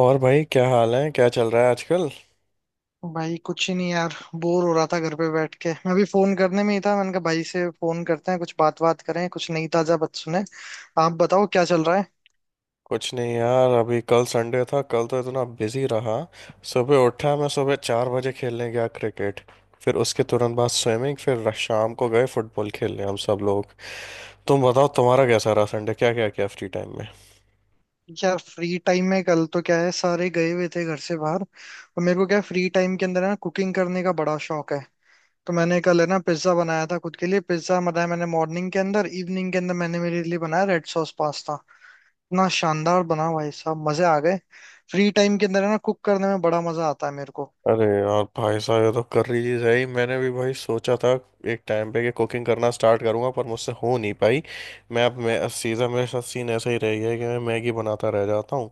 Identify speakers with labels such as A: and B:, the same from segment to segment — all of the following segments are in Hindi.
A: और भाई क्या हाल है। क्या चल रहा है आजकल?
B: भाई कुछ ही नहीं यार। बोर हो रहा था घर पे बैठ के, मैं भी फोन करने में ही था, मैंने कहा भाई से फोन करते हैं, कुछ बात बात करें, कुछ नई ताजा बात सुने। आप बताओ क्या चल रहा है।
A: कुछ नहीं यार। अभी कल संडे था, कल तो इतना बिजी रहा। सुबह उठा, मैं सुबह 4 बजे खेलने गया क्रिकेट। फिर उसके तुरंत बाद स्विमिंग, फिर शाम को गए फुटबॉल खेलने हम सब लोग। तुम बताओ, तुम्हारा कैसा रहा संडे? क्या क्या किया फ्री टाइम?
B: यार फ्री टाइम में कल तो क्या है, सारे गए हुए थे घर से बाहर, और मेरे को क्या है, फ्री टाइम के अंदर है ना, कुकिंग करने का बड़ा शौक है। तो मैंने कल है ना पिज्जा बनाया था, खुद के लिए पिज्जा बनाया मैंने मॉर्निंग के अंदर। इवनिंग के अंदर मैंने मेरे लिए बनाया रेड सॉस पास्ता। इतना शानदार बना भाई साहब, मजे आ गए। फ्री टाइम के अंदर है ना, कुक करने में बड़ा मजा आता है मेरे को।
A: अरे यार भाई साहब, ये तो कर रही चीज है ही। मैंने भी भाई सोचा था एक टाइम पे कि कुकिंग करना स्टार्ट करूंगा, पर मुझसे हो नहीं पाई। मैं अब मैं सीधा, मेरे साथ सीन ऐसा ही रह गया है कि मैं मैगी बनाता रह जाता हूँ।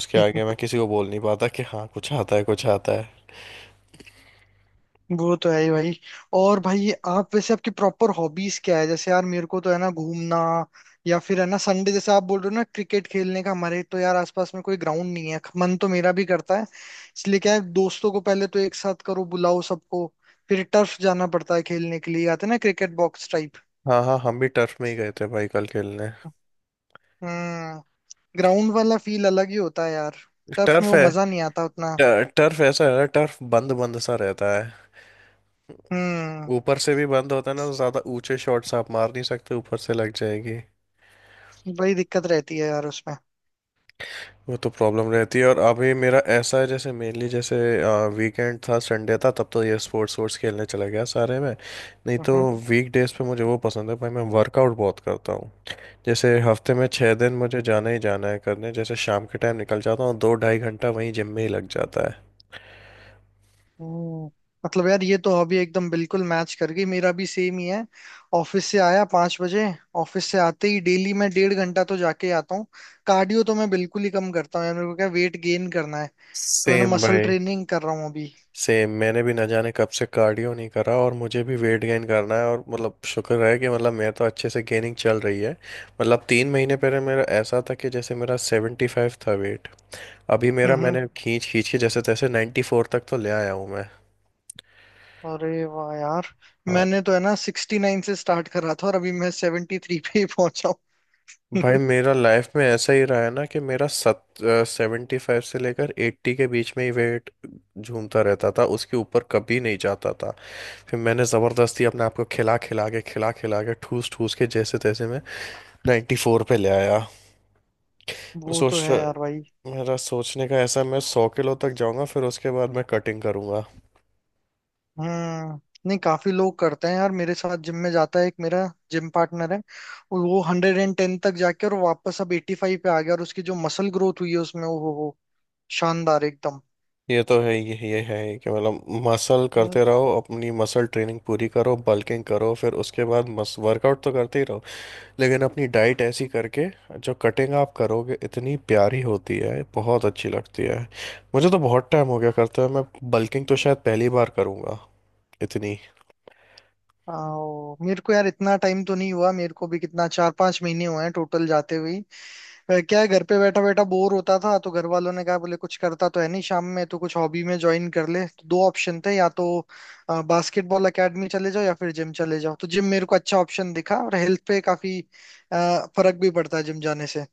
A: उसके आगे मैं किसी को बोल नहीं पाता कि हाँ कुछ आता है कुछ आता है।
B: वो तो है ही भाई। और भाई आप वैसे, आपकी प्रॉपर हॉबीज क्या है? जैसे यार मेरे को तो है ना घूमना, या फिर है ना संडे जैसे आप बोल रहे हो ना क्रिकेट खेलने का, हमारे तो यार आसपास में कोई ग्राउंड नहीं है, मन तो मेरा भी करता है, इसलिए क्या है दोस्तों को पहले तो एक साथ करो, बुलाओ सबको, फिर टर्फ जाना पड़ता है खेलने के लिए, आते हैं ना क्रिकेट बॉक्स टाइप।
A: हाँ हाँ, हम भी टर्फ में ही गए थे भाई कल खेलने।
B: हम्म। ग्राउंड वाला फील अलग ही होता है यार। टर्फ में
A: टर्फ
B: वो
A: है,
B: मजा नहीं आता उतना।
A: टर्फ ऐसा है ना, टर्फ बंद बंद सा रहता है।
B: हम्म।
A: ऊपर से भी बंद होता है ना, तो ज्यादा ऊंचे शॉट्स आप मार नहीं सकते, ऊपर से लग जाएगी।
B: बड़ी दिक्कत रहती है यार उसमें।
A: वो तो प्रॉब्लम रहती है। और अभी मेरा ऐसा है जैसे मेनली जैसे वीकेंड था, संडे था, तब तो ये स्पोर्ट्स स्पोर्ट्स खेलने चला गया सारे में, नहीं तो।
B: हम्म।
A: वीक डेज पे मुझे वो पसंद है भाई, मैं वर्कआउट बहुत करता हूँ। जैसे हफ्ते में 6 दिन मुझे जाना ही जाना है करने, जैसे शाम के टाइम निकल जाता हूँ, दो ढाई घंटा वहीं जिम में ही लग जाता है।
B: हम्म, मतलब यार ये तो हॉबी एकदम बिल्कुल मैच कर गई, मेरा भी सेम ही है। ऑफिस से आया 5 बजे, ऑफिस से आते ही डेली मैं डेढ़ घंटा तो जाके ही आता हूँ। कार्डियो तो मैं बिल्कुल ही कम करता हूँ यार, मेरे को क्या वेट गेन करना है, तो मैंने
A: सेम
B: मसल
A: भाई।
B: ट्रेनिंग कर रहा हूँ अभी।
A: सेम मैंने भी ना जाने कब से कार्डियो नहीं करा, और मुझे भी वेट गेन करना है, और मतलब शुक्र है कि मतलब मेरा तो अच्छे से गेनिंग चल रही है। मतलब 3 महीने पहले मेरा ऐसा था कि जैसे मेरा 75 था वेट। अभी
B: हम्म
A: मेरा,
B: हम्म।
A: मैंने खींच खींच के जैसे तैसे 94 तक तो ले आया हूँ मैं।
B: अरे वाह यार।
A: हाँ
B: मैंने तो है ना 69 से स्टार्ट करा था, और अभी मैं 73 पे ही पहुंचा हूँ।
A: भाई, मेरा लाइफ में ऐसा ही रहा है ना कि मेरा सत 75 से लेकर 80 के बीच में ही वेट झूमता रहता था, उसके ऊपर कभी नहीं जाता था। फिर मैंने ज़बरदस्ती अपने आप को खिला खिला के ठूस ठूस के जैसे तैसे नाइन्टी फोर पे ले आया मैं।
B: वो तो
A: सोच
B: है यार भाई।
A: रहा, मेरा सोचने का ऐसा है, मैं 100 किलो तक जाऊंगा, फिर उसके बाद मैं कटिंग करूंगा।
B: हम्म। नहीं, काफी लोग करते हैं यार, मेरे साथ जिम में जाता है एक मेरा जिम पार्टनर है, और वो 110 तक जाके और वापस अब 85 पे आ गया, और उसकी जो मसल ग्रोथ हुई है उसमें वो शानदार एकदम।
A: ये तो है, ये है कि मतलब मसल
B: हम्म,
A: करते रहो, अपनी मसल ट्रेनिंग पूरी करो, बल्किंग करो, फिर उसके बाद मस वर्कआउट तो करते ही रहो। लेकिन अपनी डाइट ऐसी करके जो कटिंग आप करोगे, इतनी प्यारी होती है, बहुत अच्छी लगती है। मुझे तो बहुत टाइम हो गया करते हुए मैं। बल्किंग तो शायद पहली बार करूंगा इतनी।
B: आओ, मेरे को यार इतना टाइम तो नहीं हुआ, मेरे को भी कितना, चार पांच महीने हुए हैं टोटल जाते हुए। फिर क्या है घर पे बैठा बैठा बोर होता था, तो घर वालों ने कहा, बोले कुछ करता तो है नहीं शाम में, तो कुछ हॉबी में ज्वाइन कर ले, तो दो ऑप्शन थे, या तो बास्केटबॉल एकेडमी चले जाओ या फिर जिम चले जाओ, तो जिम मेरे को अच्छा ऑप्शन दिखा, और हेल्थ पे काफी फर्क भी पड़ता है जिम जाने से।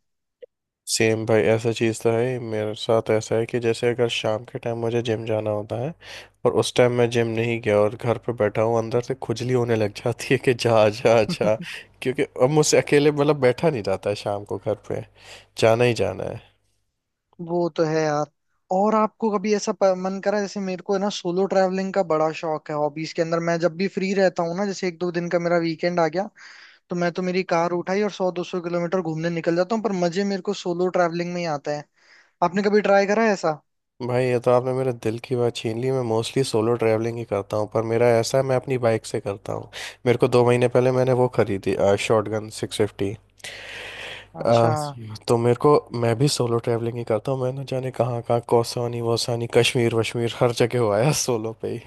A: सेम भाई, ऐसा चीज़ तो है ही। मेरे साथ ऐसा है कि जैसे अगर शाम के टाइम मुझे जिम जाना होता है और उस टाइम मैं जिम नहीं गया और घर पे बैठा हूँ, अंदर से खुजली होने लग जाती है कि जा जा जा। क्योंकि अब मुझसे अकेले मतलब बैठा नहीं जाता है शाम को घर पे, जाना ही जाना है।
B: वो तो है यार। और आपको कभी ऐसा मन करा, जैसे मेरे को है ना सोलो ट्रैवलिंग का बड़ा शौक है, हॉबीज के अंदर मैं जब भी फ्री रहता हूँ ना, जैसे एक दो दिन का मेरा वीकेंड आ गया, तो मैं तो मेरी कार उठाई और सौ दो सौ किलोमीटर घूमने निकल जाता हूँ, पर मजे मेरे को सोलो ट्रैवलिंग में ही आता है। आपने कभी ट्राई करा है ऐसा?
A: भाई, ये तो आपने मेरे दिल की बात छीन ली। मैं मोस्टली सोलो ट्रैवलिंग ही करता हूँ, पर मेरा ऐसा है मैं अपनी बाइक से करता हूँ। मेरे को 2 महीने पहले मैंने वो खरीदी, शॉटगन 650। आ,
B: अच्छा,
A: तो मेरे को, मैं भी सोलो ट्रैवलिंग ही करता हूँ। मैं ना जाने कहाँ कहाँ कौसानी वोसानी कश्मीर वश्मीर हर जगह हो आया सोलो पे ही।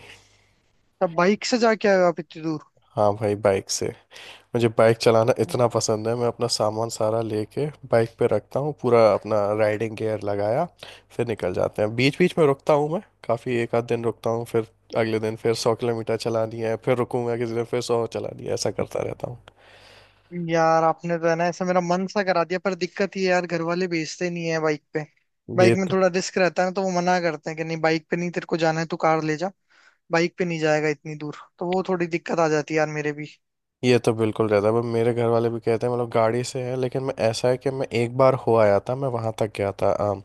B: तब बाइक से जाके आए हो आप इतनी दूर?
A: हाँ भाई बाइक से। मुझे बाइक चलाना इतना पसंद है, मैं अपना सामान सारा लेके बाइक पे रखता हूँ, पूरा अपना राइडिंग गियर लगाया, फिर निकल जाते हैं। बीच बीच में रुकता हूँ मैं काफ़ी, एक आध दिन रुकता हूँ, फिर अगले दिन फिर 100 किलोमीटर चलानी है, फिर रुकूंगा किसी दिन, फिर 100 चलानी है, ऐसा करता रहता हूँ।
B: यार आपने तो है ना ऐसा मेरा मन सा करा दिया, पर दिक्कत ये है यार, घर वाले भेजते नहीं है बाइक पे, बाइक
A: ये
B: में
A: तो
B: थोड़ा रिस्क रहता है ना, तो वो मना करते हैं कि नहीं बाइक पे नहीं, तेरे को जाना है तू कार ले जा, बाइक पे नहीं जाएगा इतनी दूर, तो वो थोड़ी दिक्कत आ जाती है यार मेरे भी।
A: ये तो बिल्कुल रहता है, पर मेरे घर वाले भी कहते हैं मतलब गाड़ी से है, लेकिन मैं ऐसा है कि मैं एक बार हो आया था, मैं वहाँ तक गया था,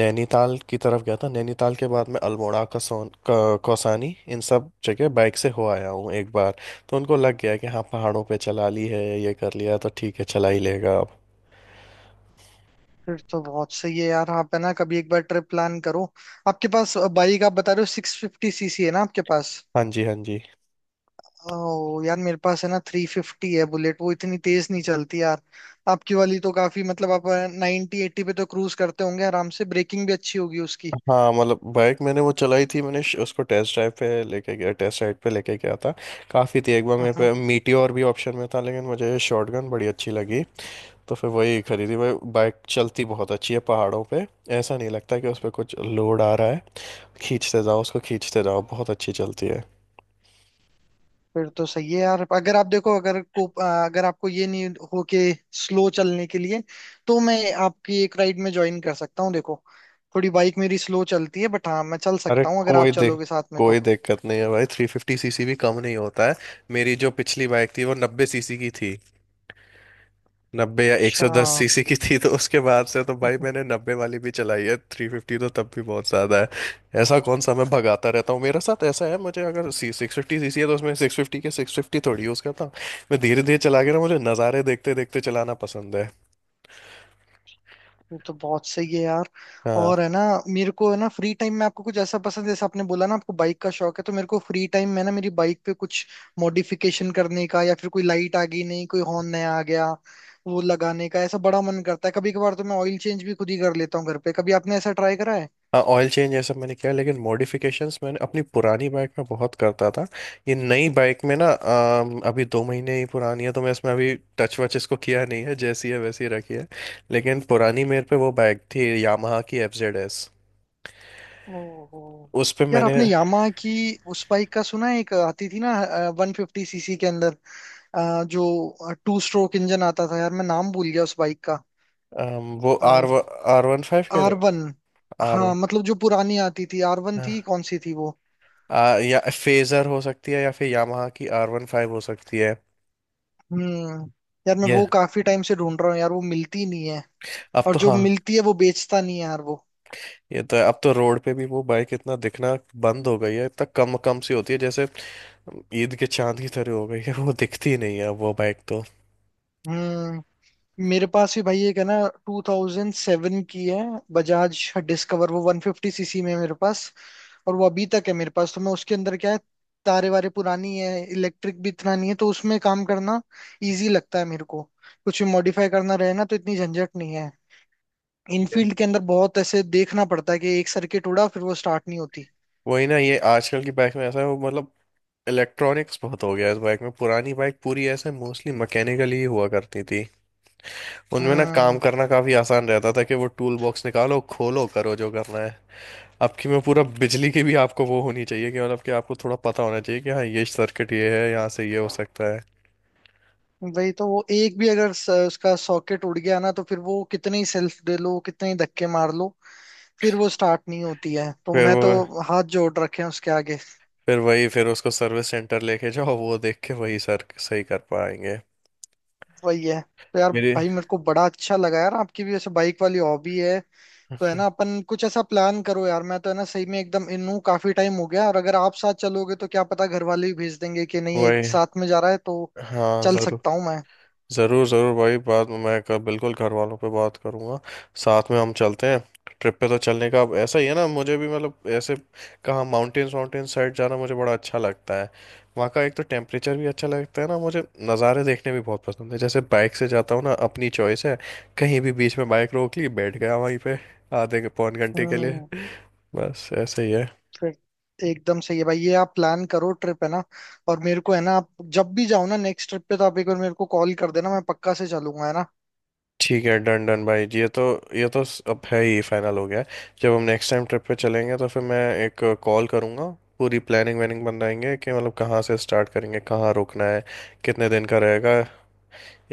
A: नैनीताल की तरफ गया था। नैनीताल के बाद मैं अल्मोड़ा, कौसानी, इन सब जगह बाइक से हो आया हूँ एक बार। तो उनको लग गया कि हाँ पहाड़ों पे चला ली है, ये कर लिया, तो ठीक है चला ही लेगा अब।
B: फिर तो बहुत सही है यार, आप है ना कभी एक बार ट्रिप प्लान करो। आपके पास बाइक, आप बता रहे हो 650 सीसी है ना आपके पास?
A: हाँ जी, हाँ जी।
B: ओ यार मेरे पास है ना 350 है बुलेट, वो इतनी तेज नहीं चलती यार। आपकी वाली तो काफी, मतलब आप नाइनटी एट्टी पे तो क्रूज करते होंगे आराम से, ब्रेकिंग भी अच्छी होगी उसकी।
A: हाँ मतलब बाइक मैंने वो चलाई थी, मैंने उसको टेस्ट ड्राइव पे लेके गया, टेस्ट राइड पे लेके गया था। काफ़ी थी। एक बार मेरे
B: हाँ,
A: पे मीटियोर भी ऑप्शन में था, लेकिन मुझे शॉटगन बड़ी अच्छी लगी। तो फिर वही खरीदी भाई। बाइक चलती बहुत अच्छी है पहाड़ों पे, ऐसा नहीं लगता कि उस पर कुछ लोड आ रहा है। खींचते जाओ उसको, खींचते जाओ, बहुत अच्छी चलती है।
B: फिर तो सही है यार। अगर आप देखो, अगर अगर आपको ये नहीं, हो के स्लो चलने के लिए, तो मैं आपकी एक राइड में ज्वाइन कर सकता हूँ, देखो थोड़ी बाइक मेरी स्लो चलती है, बट हाँ मैं चल
A: अरे
B: सकता हूँ अगर आप
A: कोई हाँ, दिक मतलब,
B: चलोगे साथ में
A: कोई
B: तो।
A: दिक्कत नहीं है भाई। 350 सीसी भी कम नहीं होता है। मेरी जो पिछली बाइक थी वो 90 सीसी की थी, नब्बे या 110 सीसी की थी, तो उसके बाद से तो भाई,
B: अच्छा,
A: मैंने 90 वाली भी चलाई है, 350 तो तब भी बहुत ज्यादा है। ऐसा कौन सा मैं भगाता रहता हूँ। मेरे साथ ऐसा है, मुझे अगर सी 650 सीसी है तो उसमें 650 के 650 थोड़ी यूज करता हूँ। मैं धीरे धीरे चला के ना, मुझे नज़ारे देखते देखते चलाना पसंद है।
B: वो तो बहुत सही है यार।
A: हाँ।
B: और है ना, मेरे को है ना फ्री टाइम में, आपको कुछ ऐसा पसंद है जैसे आपने बोला ना, आपको बाइक का शौक है, तो मेरे को फ्री टाइम में ना, मेरी बाइक पे कुछ मॉडिफिकेशन करने का, या फिर कोई लाइट आ गई, नहीं कोई हॉर्न नया आ गया वो लगाने का, ऐसा बड़ा मन करता है, कभी कभार तो मैं ऑयल चेंज भी खुद ही कर लेता हूँ घर पे, कभी आपने ऐसा ट्राई करा है?
A: हाँ ऑयल चेंज ये सब मैंने किया, लेकिन मॉडिफिकेशंस मैंने अपनी पुरानी बाइक में बहुत करता था। ये नई बाइक में ना, अभी 2 महीने ही पुरानी है, तो मैं इसमें अभी टच वच इसको किया नहीं है, जैसी है वैसी ही रखी है। लेकिन पुरानी मेरे पे वो बाइक थी यामाहा की FZS।
B: ओहो,
A: उस पे
B: यार
A: मैंने
B: आपने यामाहा की, उस बाइक का सुना है, एक आती थी ना 150 सीसी के अंदर, जो टू स्ट्रोक इंजन आता था, यार मैं नाम भूल गया उस बाइक का।
A: वो आर आर वन फाइव कह
B: आर
A: रहे
B: वन,
A: हो? आर
B: हाँ
A: वन
B: मतलब जो पुरानी आती थी आर वन
A: हाँ,
B: थी, कौन सी थी वो?
A: या फेजर हो सकती है या फिर यामाहा की R15 हो सकती है।
B: हम्म। यार मैं
A: ये
B: वो काफी टाइम से ढूंढ रहा हूँ यार, वो मिलती नहीं है,
A: अब
B: और
A: तो
B: जो
A: हाँ।
B: मिलती है वो बेचता नहीं है यार वो।
A: ये तो है। अब तो रोड पे भी वो बाइक इतना दिखना बंद हो गई है, इतना कम कम सी होती है, जैसे ईद के चांद की तरह हो गई है, वो दिखती ही नहीं है अब वो बाइक तो।
B: हम्म। मेरे पास भी भाई एक है ना 2007 की है, बजाज डिस्कवर, वो 150 सीसी में है मेरे पास, और वो अभी तक है मेरे पास, तो मैं उसके अंदर क्या है, तारे वारे पुरानी है, इलेक्ट्रिक भी इतना नहीं है, तो उसमें काम करना इजी लगता है मेरे को, कुछ भी मॉडिफाई करना रहे ना, तो इतनी झंझट नहीं है,
A: Yeah.
B: इनफील्ड के अंदर बहुत ऐसे देखना पड़ता है कि एक सर्किट उड़ा फिर वो स्टार्ट नहीं होती।
A: वही ना, ये आजकल की बाइक में ऐसा है, वो मतलब इलेक्ट्रॉनिक्स बहुत हो गया है इस बाइक में। पुरानी बाइक पूरी ऐसे मोस्टली मैकेनिकली ही हुआ करती थी, उनमें ना काम
B: हम्म।
A: करना काफी आसान रहता था कि वो टूल बॉक्स निकालो, खोलो, करो जो करना है। आपकी में पूरा बिजली की भी आपको वो होनी चाहिए कि मतलब कि आपको थोड़ा पता होना चाहिए कि हाँ ये सर्किट ये है, यहाँ से ये हो सकता है।
B: वही तो, वो एक भी अगर उसका सॉकेट उड़ गया ना, तो फिर वो कितने ही सेल्फ दे लो, कितने ही धक्के मार लो, फिर वो स्टार्ट नहीं होती है, तो
A: फिर
B: मैं
A: वो
B: तो हाथ जोड़ रखे हैं उसके आगे।
A: फिर वही, फिर उसको सर्विस सेंटर लेके जाओ, वो देख के वही सर सही कर पाएंगे।
B: वही है। तो यार
A: मेरी।
B: भाई मेरे को बड़ा अच्छा लगा यार, आपकी भी ऐसे बाइक वाली हॉबी है, तो है ना अपन कुछ ऐसा प्लान करो यार, मैं तो है ना सही में एकदम इन हूँ, काफी टाइम हो गया, और अगर आप साथ चलोगे तो क्या पता घर वाले भी भेज देंगे कि नहीं एक
A: वही,
B: साथ में जा रहा है तो
A: हाँ,
B: चल
A: जरूर।
B: सकता हूँ मैं।
A: ज़रूर ज़रूर भाई, बात मैं कर, बिल्कुल घर वालों पे बात करूँगा, साथ में हम चलते हैं। ट्रिप पे तो चलने का अब ऐसा ही है ना, मुझे भी मतलब ऐसे, कहाँ माउंटेन्स, माउंटेन साइड जाना मुझे बड़ा अच्छा लगता है। वहाँ का एक तो टेम्परेचर भी अच्छा लगता है ना मुझे। नज़ारे देखने भी बहुत पसंद है। जैसे बाइक से जाता हूँ ना, अपनी चॉइस है, कहीं भी बीच में बाइक रोक ली, बैठ गया वहीं पे आधे पौन घंटे के लिए।
B: हम्म।
A: बस ऐसे ही है।
B: फिर एकदम सही है भाई, ये आप प्लान करो ट्रिप है ना, और मेरे को है ना, आप जब भी जाओ ना नेक्स्ट ट्रिप पे, तो आप एक बार मेरे को कॉल कर देना, मैं पक्का से चलूंगा है ना।
A: ठीक है, डन डन भाई जी, ये तो अब है ही फाइनल हो गया है। जब हम नेक्स्ट टाइम ट्रिप पे चलेंगे तो फिर मैं एक कॉल करूँगा, पूरी प्लानिंग वैनिंग बनाएंगे कि मतलब कहाँ से स्टार्ट करेंगे, कहाँ रुकना है, कितने दिन का रहेगा।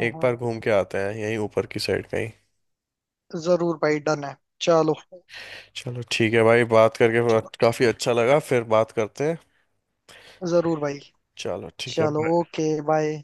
A: एक बार घूम के आते हैं यहीं ऊपर की साइड कहीं।
B: जरूर भाई, डन है। चलो।
A: चलो ठीक है भाई, बात करके
B: चलो
A: काफ़ी अच्छा लगा, फिर बात करते हैं।
B: जरूर भाई।
A: चलो ठीक है।
B: चलो ओके बाय।